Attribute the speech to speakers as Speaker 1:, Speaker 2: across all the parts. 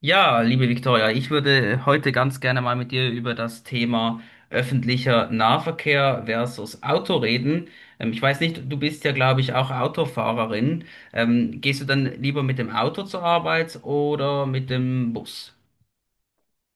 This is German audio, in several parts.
Speaker 1: Ja, liebe Viktoria, ich würde heute ganz gerne mal mit dir über das Thema öffentlicher Nahverkehr versus Auto reden. Ich weiß nicht, du bist ja, glaube ich, auch Autofahrerin. Gehst du dann lieber mit dem Auto zur Arbeit oder mit dem Bus?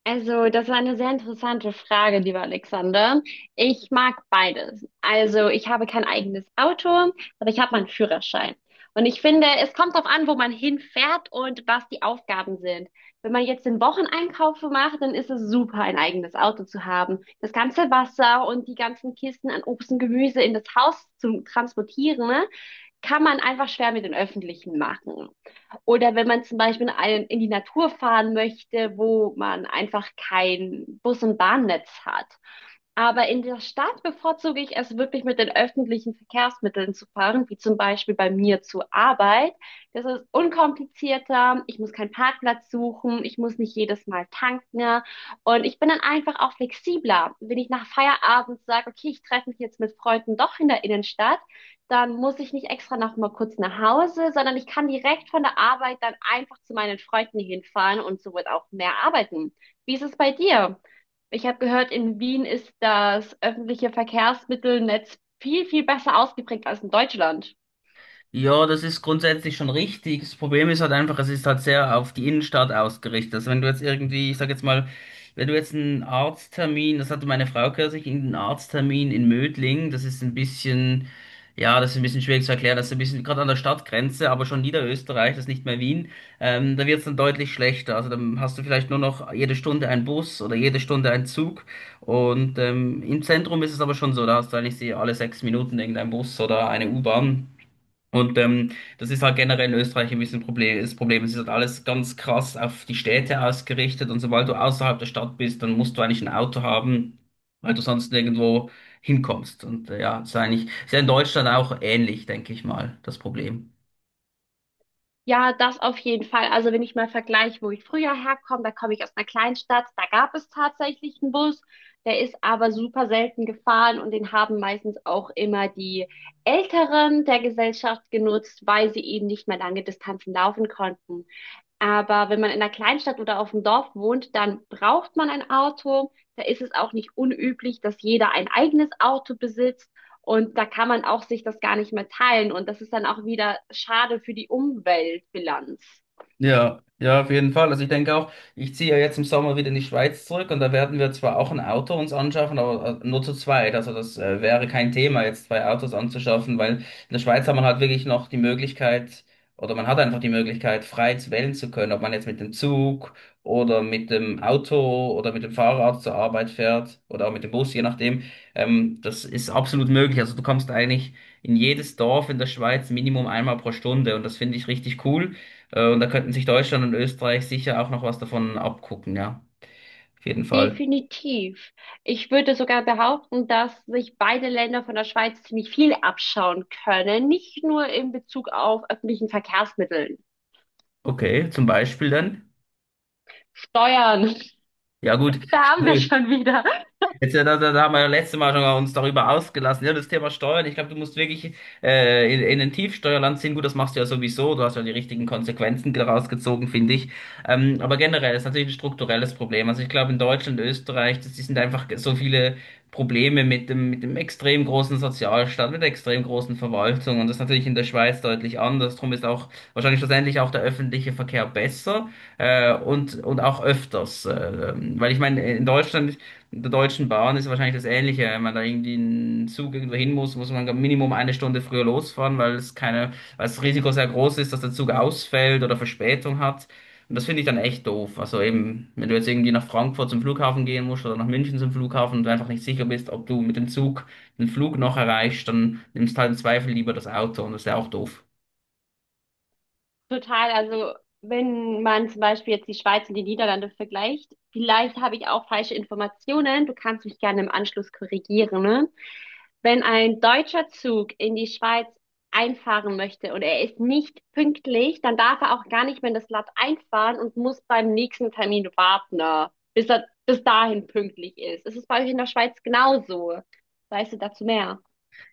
Speaker 2: Also, das war eine sehr interessante Frage, lieber Alexander. Ich mag beides. Also, ich habe kein eigenes Auto, aber ich habe meinen Führerschein. Und ich finde, es kommt darauf an, wo man hinfährt und was die Aufgaben sind. Wenn man jetzt den Wocheneinkauf macht, dann ist es super, ein eigenes Auto zu haben. Das ganze Wasser und die ganzen Kisten an Obst und Gemüse in das Haus zu transportieren, ne? Kann man einfach schwer mit den öffentlichen machen. Oder wenn man zum Beispiel die Natur fahren möchte, wo man einfach kein Bus- und Bahnnetz hat. Aber in der Stadt bevorzuge ich es wirklich mit den öffentlichen Verkehrsmitteln zu fahren, wie zum Beispiel bei mir zur Arbeit. Das ist unkomplizierter. Ich muss keinen Parkplatz suchen. Ich muss nicht jedes Mal tanken. Und ich bin dann einfach auch flexibler. Wenn ich nach Feierabend sage, okay, ich treffe mich jetzt mit Freunden doch in der Innenstadt, dann muss ich nicht extra noch mal kurz nach Hause, sondern ich kann direkt von der Arbeit dann einfach zu meinen Freunden hinfahren und so wird auch mehr arbeiten. Wie ist es bei dir? Ich habe gehört, in Wien ist das öffentliche Verkehrsmittelnetz viel, viel besser ausgeprägt als in Deutschland.
Speaker 1: Ja, das ist grundsätzlich schon richtig. Das Problem ist halt einfach, es ist halt sehr auf die Innenstadt ausgerichtet. Also wenn du jetzt irgendwie, ich sag jetzt mal, wenn du jetzt einen Arzttermin, das hatte meine Frau kürzlich, einen Arzttermin in Mödling, das ist ein bisschen, ja, das ist ein bisschen schwierig zu erklären, das ist ein bisschen gerade an der Stadtgrenze, aber schon Niederösterreich, das ist nicht mehr Wien, da wird's dann deutlich schlechter. Also dann hast du vielleicht nur noch jede Stunde einen Bus oder jede Stunde einen Zug. Und im Zentrum ist es aber schon so, da hast du eigentlich alle sechs Minuten irgendeinen Bus oder eine U-Bahn. Und das ist halt generell in Österreich ein bisschen Problem, das Problem. Es ist halt alles ganz krass auf die Städte ausgerichtet. Und sobald du außerhalb der Stadt bist, dann musst du eigentlich ein Auto haben, weil du sonst nirgendwo hinkommst. Und ja, das ist eigentlich, ist ja in Deutschland auch ähnlich, denke ich mal, das Problem.
Speaker 2: Ja, das auf jeden Fall. Also wenn ich mal vergleiche, wo ich früher herkomme, da komme ich aus einer Kleinstadt, da gab es tatsächlich einen Bus, der ist aber super selten gefahren und den haben meistens auch immer die Älteren der Gesellschaft genutzt, weil sie eben nicht mehr lange Distanzen laufen konnten. Aber wenn man in einer Kleinstadt oder auf dem Dorf wohnt, dann braucht man ein Auto. Da ist es auch nicht unüblich, dass jeder ein eigenes Auto besitzt. Und da kann man auch sich das gar nicht mehr teilen. Und das ist dann auch wieder schade für die Umweltbilanz.
Speaker 1: Ja, ja, auf jeden Fall. Also ich denke auch, ich ziehe ja jetzt im Sommer wieder in die Schweiz zurück und da werden wir zwar auch ein Auto uns anschaffen, aber nur zu zweit. Also das wäre kein Thema, jetzt zwei Autos anzuschaffen, weil in der Schweiz hat man halt wirklich noch die Möglichkeit oder man hat einfach die Möglichkeit, frei zu wählen zu können, ob man jetzt mit dem Zug oder mit dem Auto oder mit dem Fahrrad zur Arbeit fährt oder auch mit dem Bus, je nachdem. Das ist absolut möglich. Also du kommst eigentlich in jedes Dorf in der Schweiz Minimum einmal pro Stunde und das finde ich richtig cool. Und da könnten sich Deutschland und Österreich sicher auch noch was davon abgucken, ja. Auf jeden Fall.
Speaker 2: Definitiv. Ich würde sogar behaupten, dass sich beide Länder von der Schweiz ziemlich viel abschauen können, nicht nur in Bezug auf öffentlichen Verkehrsmitteln.
Speaker 1: Okay, zum Beispiel dann.
Speaker 2: Steuern,
Speaker 1: Ja gut,
Speaker 2: da haben wir schon wieder.
Speaker 1: jetzt, da haben wir ja letztes Mal schon uns darüber ausgelassen. Ja, das Thema Steuern. Ich glaube, du musst wirklich in ein Tiefsteuerland ziehen. Gut, das machst du ja sowieso. Du hast ja die richtigen Konsequenzen daraus gezogen, finde ich. Aber generell ist natürlich ein strukturelles Problem. Also ich glaube, in Deutschland, Österreich, das, die sind einfach so viele Probleme mit dem extrem großen Sozialstaat, mit der extrem großen Verwaltung. Und das ist natürlich in der Schweiz deutlich anders. Drum ist auch wahrscheinlich schlussendlich auch der öffentliche Verkehr besser und auch öfters. Weil ich meine, in Deutschland der Deutschen Bahn ist wahrscheinlich das Ähnliche. Wenn man da irgendwie einen Zug irgendwo hin muss, muss man Minimum eine Stunde früher losfahren, weil es keine, weil das Risiko sehr groß ist, dass der Zug ausfällt oder Verspätung hat. Und das finde ich dann echt doof. Also eben, wenn du jetzt irgendwie nach Frankfurt zum Flughafen gehen musst oder nach München zum Flughafen und du einfach nicht sicher bist, ob du mit dem Zug den Flug noch erreichst, dann nimmst halt im Zweifel lieber das Auto und das ist ja auch doof.
Speaker 2: Total, also wenn man zum Beispiel jetzt die Schweiz und die Niederlande vergleicht, vielleicht habe ich auch falsche Informationen, du kannst mich gerne im Anschluss korrigieren, ne? Wenn ein deutscher Zug in die Schweiz einfahren möchte und er ist nicht pünktlich, dann darf er auch gar nicht mehr in das Land einfahren und muss beim nächsten Termin warten, ne, bis er bis dahin pünktlich ist. Ist es bei euch in der Schweiz genauso? Weißt du dazu mehr?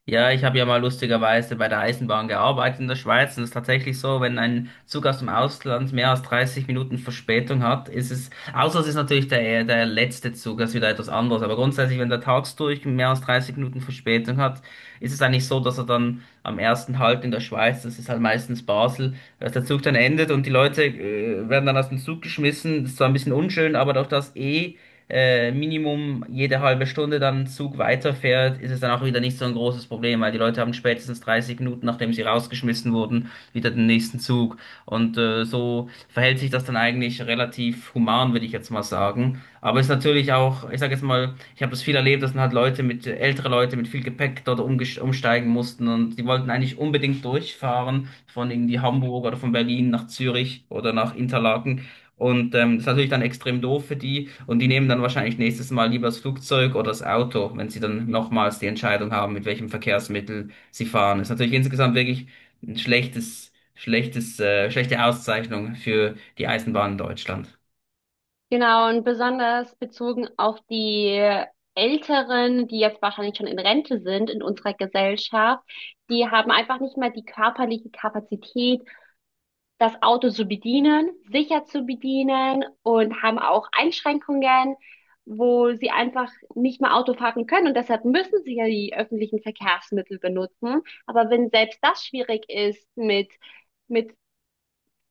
Speaker 1: Ja, ich habe ja mal lustigerweise bei der Eisenbahn gearbeitet in der Schweiz und es ist tatsächlich so, wenn ein Zug aus dem Ausland mehr als 30 Minuten Verspätung hat, ist es, außer es ist natürlich der, der letzte Zug, das ist wieder etwas anderes, aber grundsätzlich, wenn der tags durch mehr als 30 Minuten Verspätung hat, ist es eigentlich so, dass er dann am ersten Halt in der Schweiz, das ist halt meistens Basel, dass der Zug dann endet und die Leute werden dann aus dem Zug geschmissen, das ist zwar ein bisschen unschön, aber durch das eh Minimum jede halbe Stunde dann ein Zug weiterfährt, ist es dann auch wieder nicht so ein großes Problem, weil die Leute haben spätestens 30 Minuten, nachdem sie rausgeschmissen wurden, wieder den nächsten Zug. Und so verhält sich das dann eigentlich relativ human, würde ich jetzt mal sagen. Aber es ist natürlich auch, ich sage jetzt mal, ich habe das viel erlebt, dass dann halt Leute mit, ältere Leute mit viel Gepäck dort umsteigen mussten und die wollten eigentlich unbedingt durchfahren von irgendwie Hamburg oder von Berlin nach Zürich oder nach Interlaken. Und das ist natürlich dann extrem doof für die. Und die nehmen dann wahrscheinlich nächstes Mal lieber das Flugzeug oder das Auto, wenn sie dann nochmals die Entscheidung haben, mit welchem Verkehrsmittel sie fahren. Das ist natürlich insgesamt wirklich ein schlechte Auszeichnung für die Eisenbahn in Deutschland.
Speaker 2: Genau, und besonders bezogen auf die Älteren, die jetzt wahrscheinlich schon in Rente sind in unserer Gesellschaft, die haben einfach nicht mehr die körperliche Kapazität, das Auto zu bedienen, sicher zu bedienen und haben auch Einschränkungen, wo sie einfach nicht mehr Auto fahren können. Und deshalb müssen sie ja die öffentlichen Verkehrsmittel benutzen. Aber wenn selbst das schwierig ist mit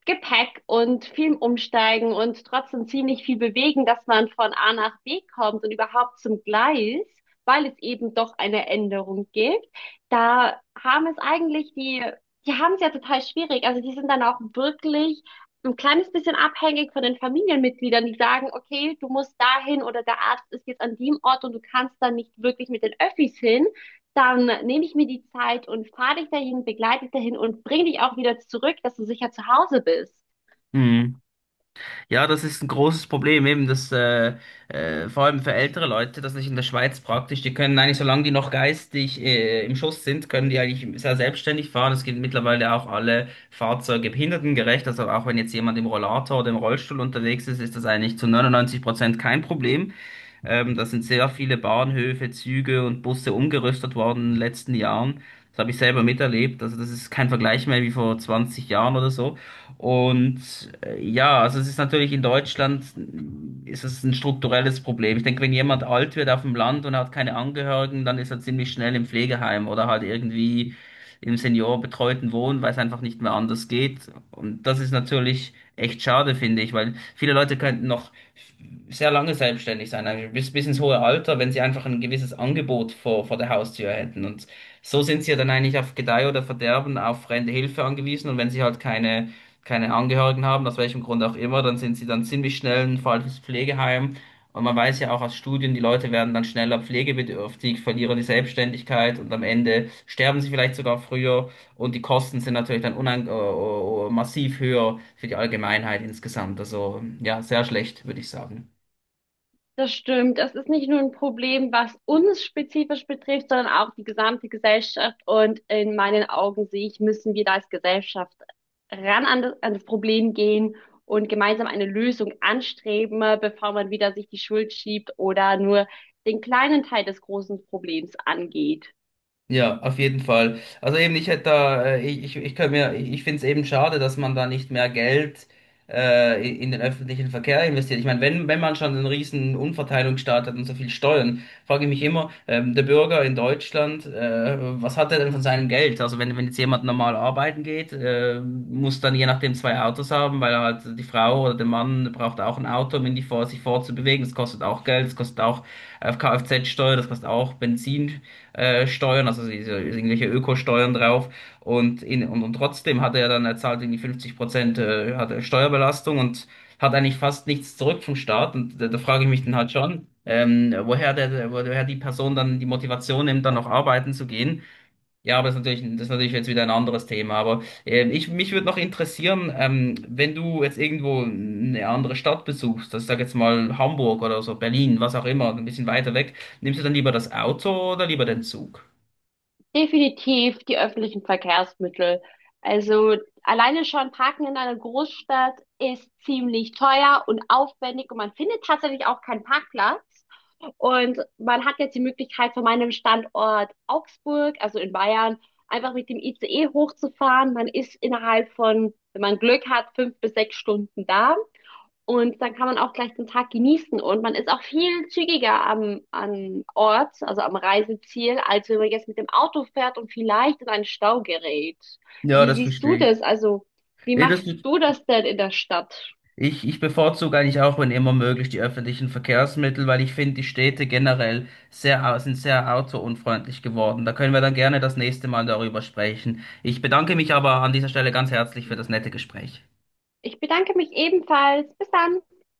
Speaker 2: Gepäck und viel umsteigen und trotzdem ziemlich viel bewegen, dass man von A nach B kommt und überhaupt zum Gleis, weil es eben doch eine Änderung gibt. Da haben es eigentlich die haben es ja total schwierig. Also die sind dann auch wirklich ein kleines bisschen abhängig von den Familienmitgliedern, die sagen, okay, du musst dahin oder der Arzt ist jetzt an dem Ort und du kannst da nicht wirklich mit den Öffis hin, dann nehme ich mir die Zeit und fahre dich dahin, begleite dich dahin und bringe dich auch wieder zurück, dass du sicher zu Hause bist.
Speaker 1: Mhm. Ja, das ist ein großes Problem, eben das vor allem für ältere Leute, das ist in der Schweiz praktisch. Die können eigentlich, solange die noch geistig im Schuss sind, können die eigentlich sehr selbstständig fahren. Es gibt mittlerweile auch alle Fahrzeuge behindertengerecht. Also auch wenn jetzt jemand im Rollator oder im Rollstuhl unterwegs ist, ist das eigentlich zu 99% kein Problem. Da sind sehr viele Bahnhöfe, Züge und Busse umgerüstet worden in den letzten Jahren. Das habe ich selber miterlebt. Also das ist kein Vergleich mehr wie vor 20 Jahren oder so. Und ja, also es ist natürlich in Deutschland ist es ein strukturelles Problem. Ich denke, wenn jemand alt wird auf dem Land und hat keine Angehörigen, dann ist er ziemlich schnell im Pflegeheim oder halt irgendwie im seniorenbetreuten Wohnen, weil es einfach nicht mehr anders geht. Und das ist natürlich echt schade, finde ich, weil viele Leute könnten noch sehr lange selbstständig sein, eigentlich bis ins hohe Alter, wenn sie einfach ein gewisses Angebot vor der Haustür hätten. Und so sind sie ja dann eigentlich auf Gedeih oder Verderben auf fremde Hilfe angewiesen. Und wenn sie halt keine Angehörigen haben, aus welchem Grund auch immer, dann sind sie dann ziemlich schnell ein falsches Pflegeheim. Und man weiß ja auch aus Studien, die Leute werden dann schneller pflegebedürftig, verlieren die Selbstständigkeit und am Ende sterben sie vielleicht sogar früher. Und die Kosten sind natürlich dann unang massiv höher für die Allgemeinheit insgesamt. Also ja, sehr schlecht, würde ich sagen.
Speaker 2: Das stimmt. Das ist nicht nur ein Problem, was uns spezifisch betrifft, sondern auch die gesamte Gesellschaft. Und in meinen Augen sehe ich, müssen wir da als Gesellschaft ran an an das Problem gehen und gemeinsam eine Lösung anstreben, bevor man wieder sich die Schuld schiebt oder nur den kleinen Teil des großen Problems angeht.
Speaker 1: Ja, auf jeden Fall. Also eben, ich hätte da, ich kann mir, ich finde es eben schade, dass man da nicht mehr Geld in den öffentlichen Verkehr investiert. Ich meine, wenn man schon einen riesen Umverteilungsstaat hat und so viel Steuern, frage ich mich immer, der Bürger in Deutschland, was hat er denn von seinem Geld? Also wenn jetzt jemand normal arbeiten geht, muss dann je nachdem zwei Autos haben, weil halt die Frau oder der Mann braucht auch ein Auto, um ihn die sich fortzubewegen. Das kostet auch Geld, das kostet auch Kfz-Steuer, das kostet auch Benzin Steuern, also diese, irgendwelche Ökosteuern drauf. Und, und trotzdem hat er dann, er zahlt irgendwie 50% hat er Steuerbelastung und hat eigentlich fast nichts zurück vom Staat. Und da frage ich mich dann halt schon, woher die Person dann die Motivation nimmt, dann noch arbeiten zu gehen. Ja, aber das ist natürlich jetzt wieder ein anderes Thema. Aber mich würde noch interessieren, wenn du jetzt irgendwo eine andere Stadt besuchst, das sag jetzt mal Hamburg oder so, Berlin, was auch immer, ein bisschen weiter weg, nimmst du dann lieber das Auto oder lieber den Zug?
Speaker 2: Definitiv die öffentlichen Verkehrsmittel. Also alleine schon Parken in einer Großstadt ist ziemlich teuer und aufwendig und man findet tatsächlich auch keinen Parkplatz. Und man hat jetzt die Möglichkeit, von meinem Standort Augsburg, also in Bayern, einfach mit dem ICE hochzufahren. Man ist innerhalb von, wenn man Glück hat, 5 bis 6 Stunden da. Und dann kann man auch gleich den Tag genießen und man ist auch viel zügiger am Ort, also am Reiseziel, als wenn man jetzt mit dem Auto fährt und vielleicht in einen Stau gerät.
Speaker 1: Ja,
Speaker 2: Wie
Speaker 1: das
Speaker 2: siehst du
Speaker 1: verstehe ich.
Speaker 2: das? Also, wie
Speaker 1: Ja, das,
Speaker 2: machst du das denn in der Stadt?
Speaker 1: Ich bevorzuge eigentlich auch, wenn immer möglich, die öffentlichen Verkehrsmittel, weil ich finde, die Städte generell sehr, sind sehr autounfreundlich geworden. Da können wir dann gerne das nächste Mal darüber sprechen. Ich bedanke mich aber an dieser Stelle ganz herzlich für das nette Gespräch.
Speaker 2: Ich bedanke mich ebenfalls. Bis dann.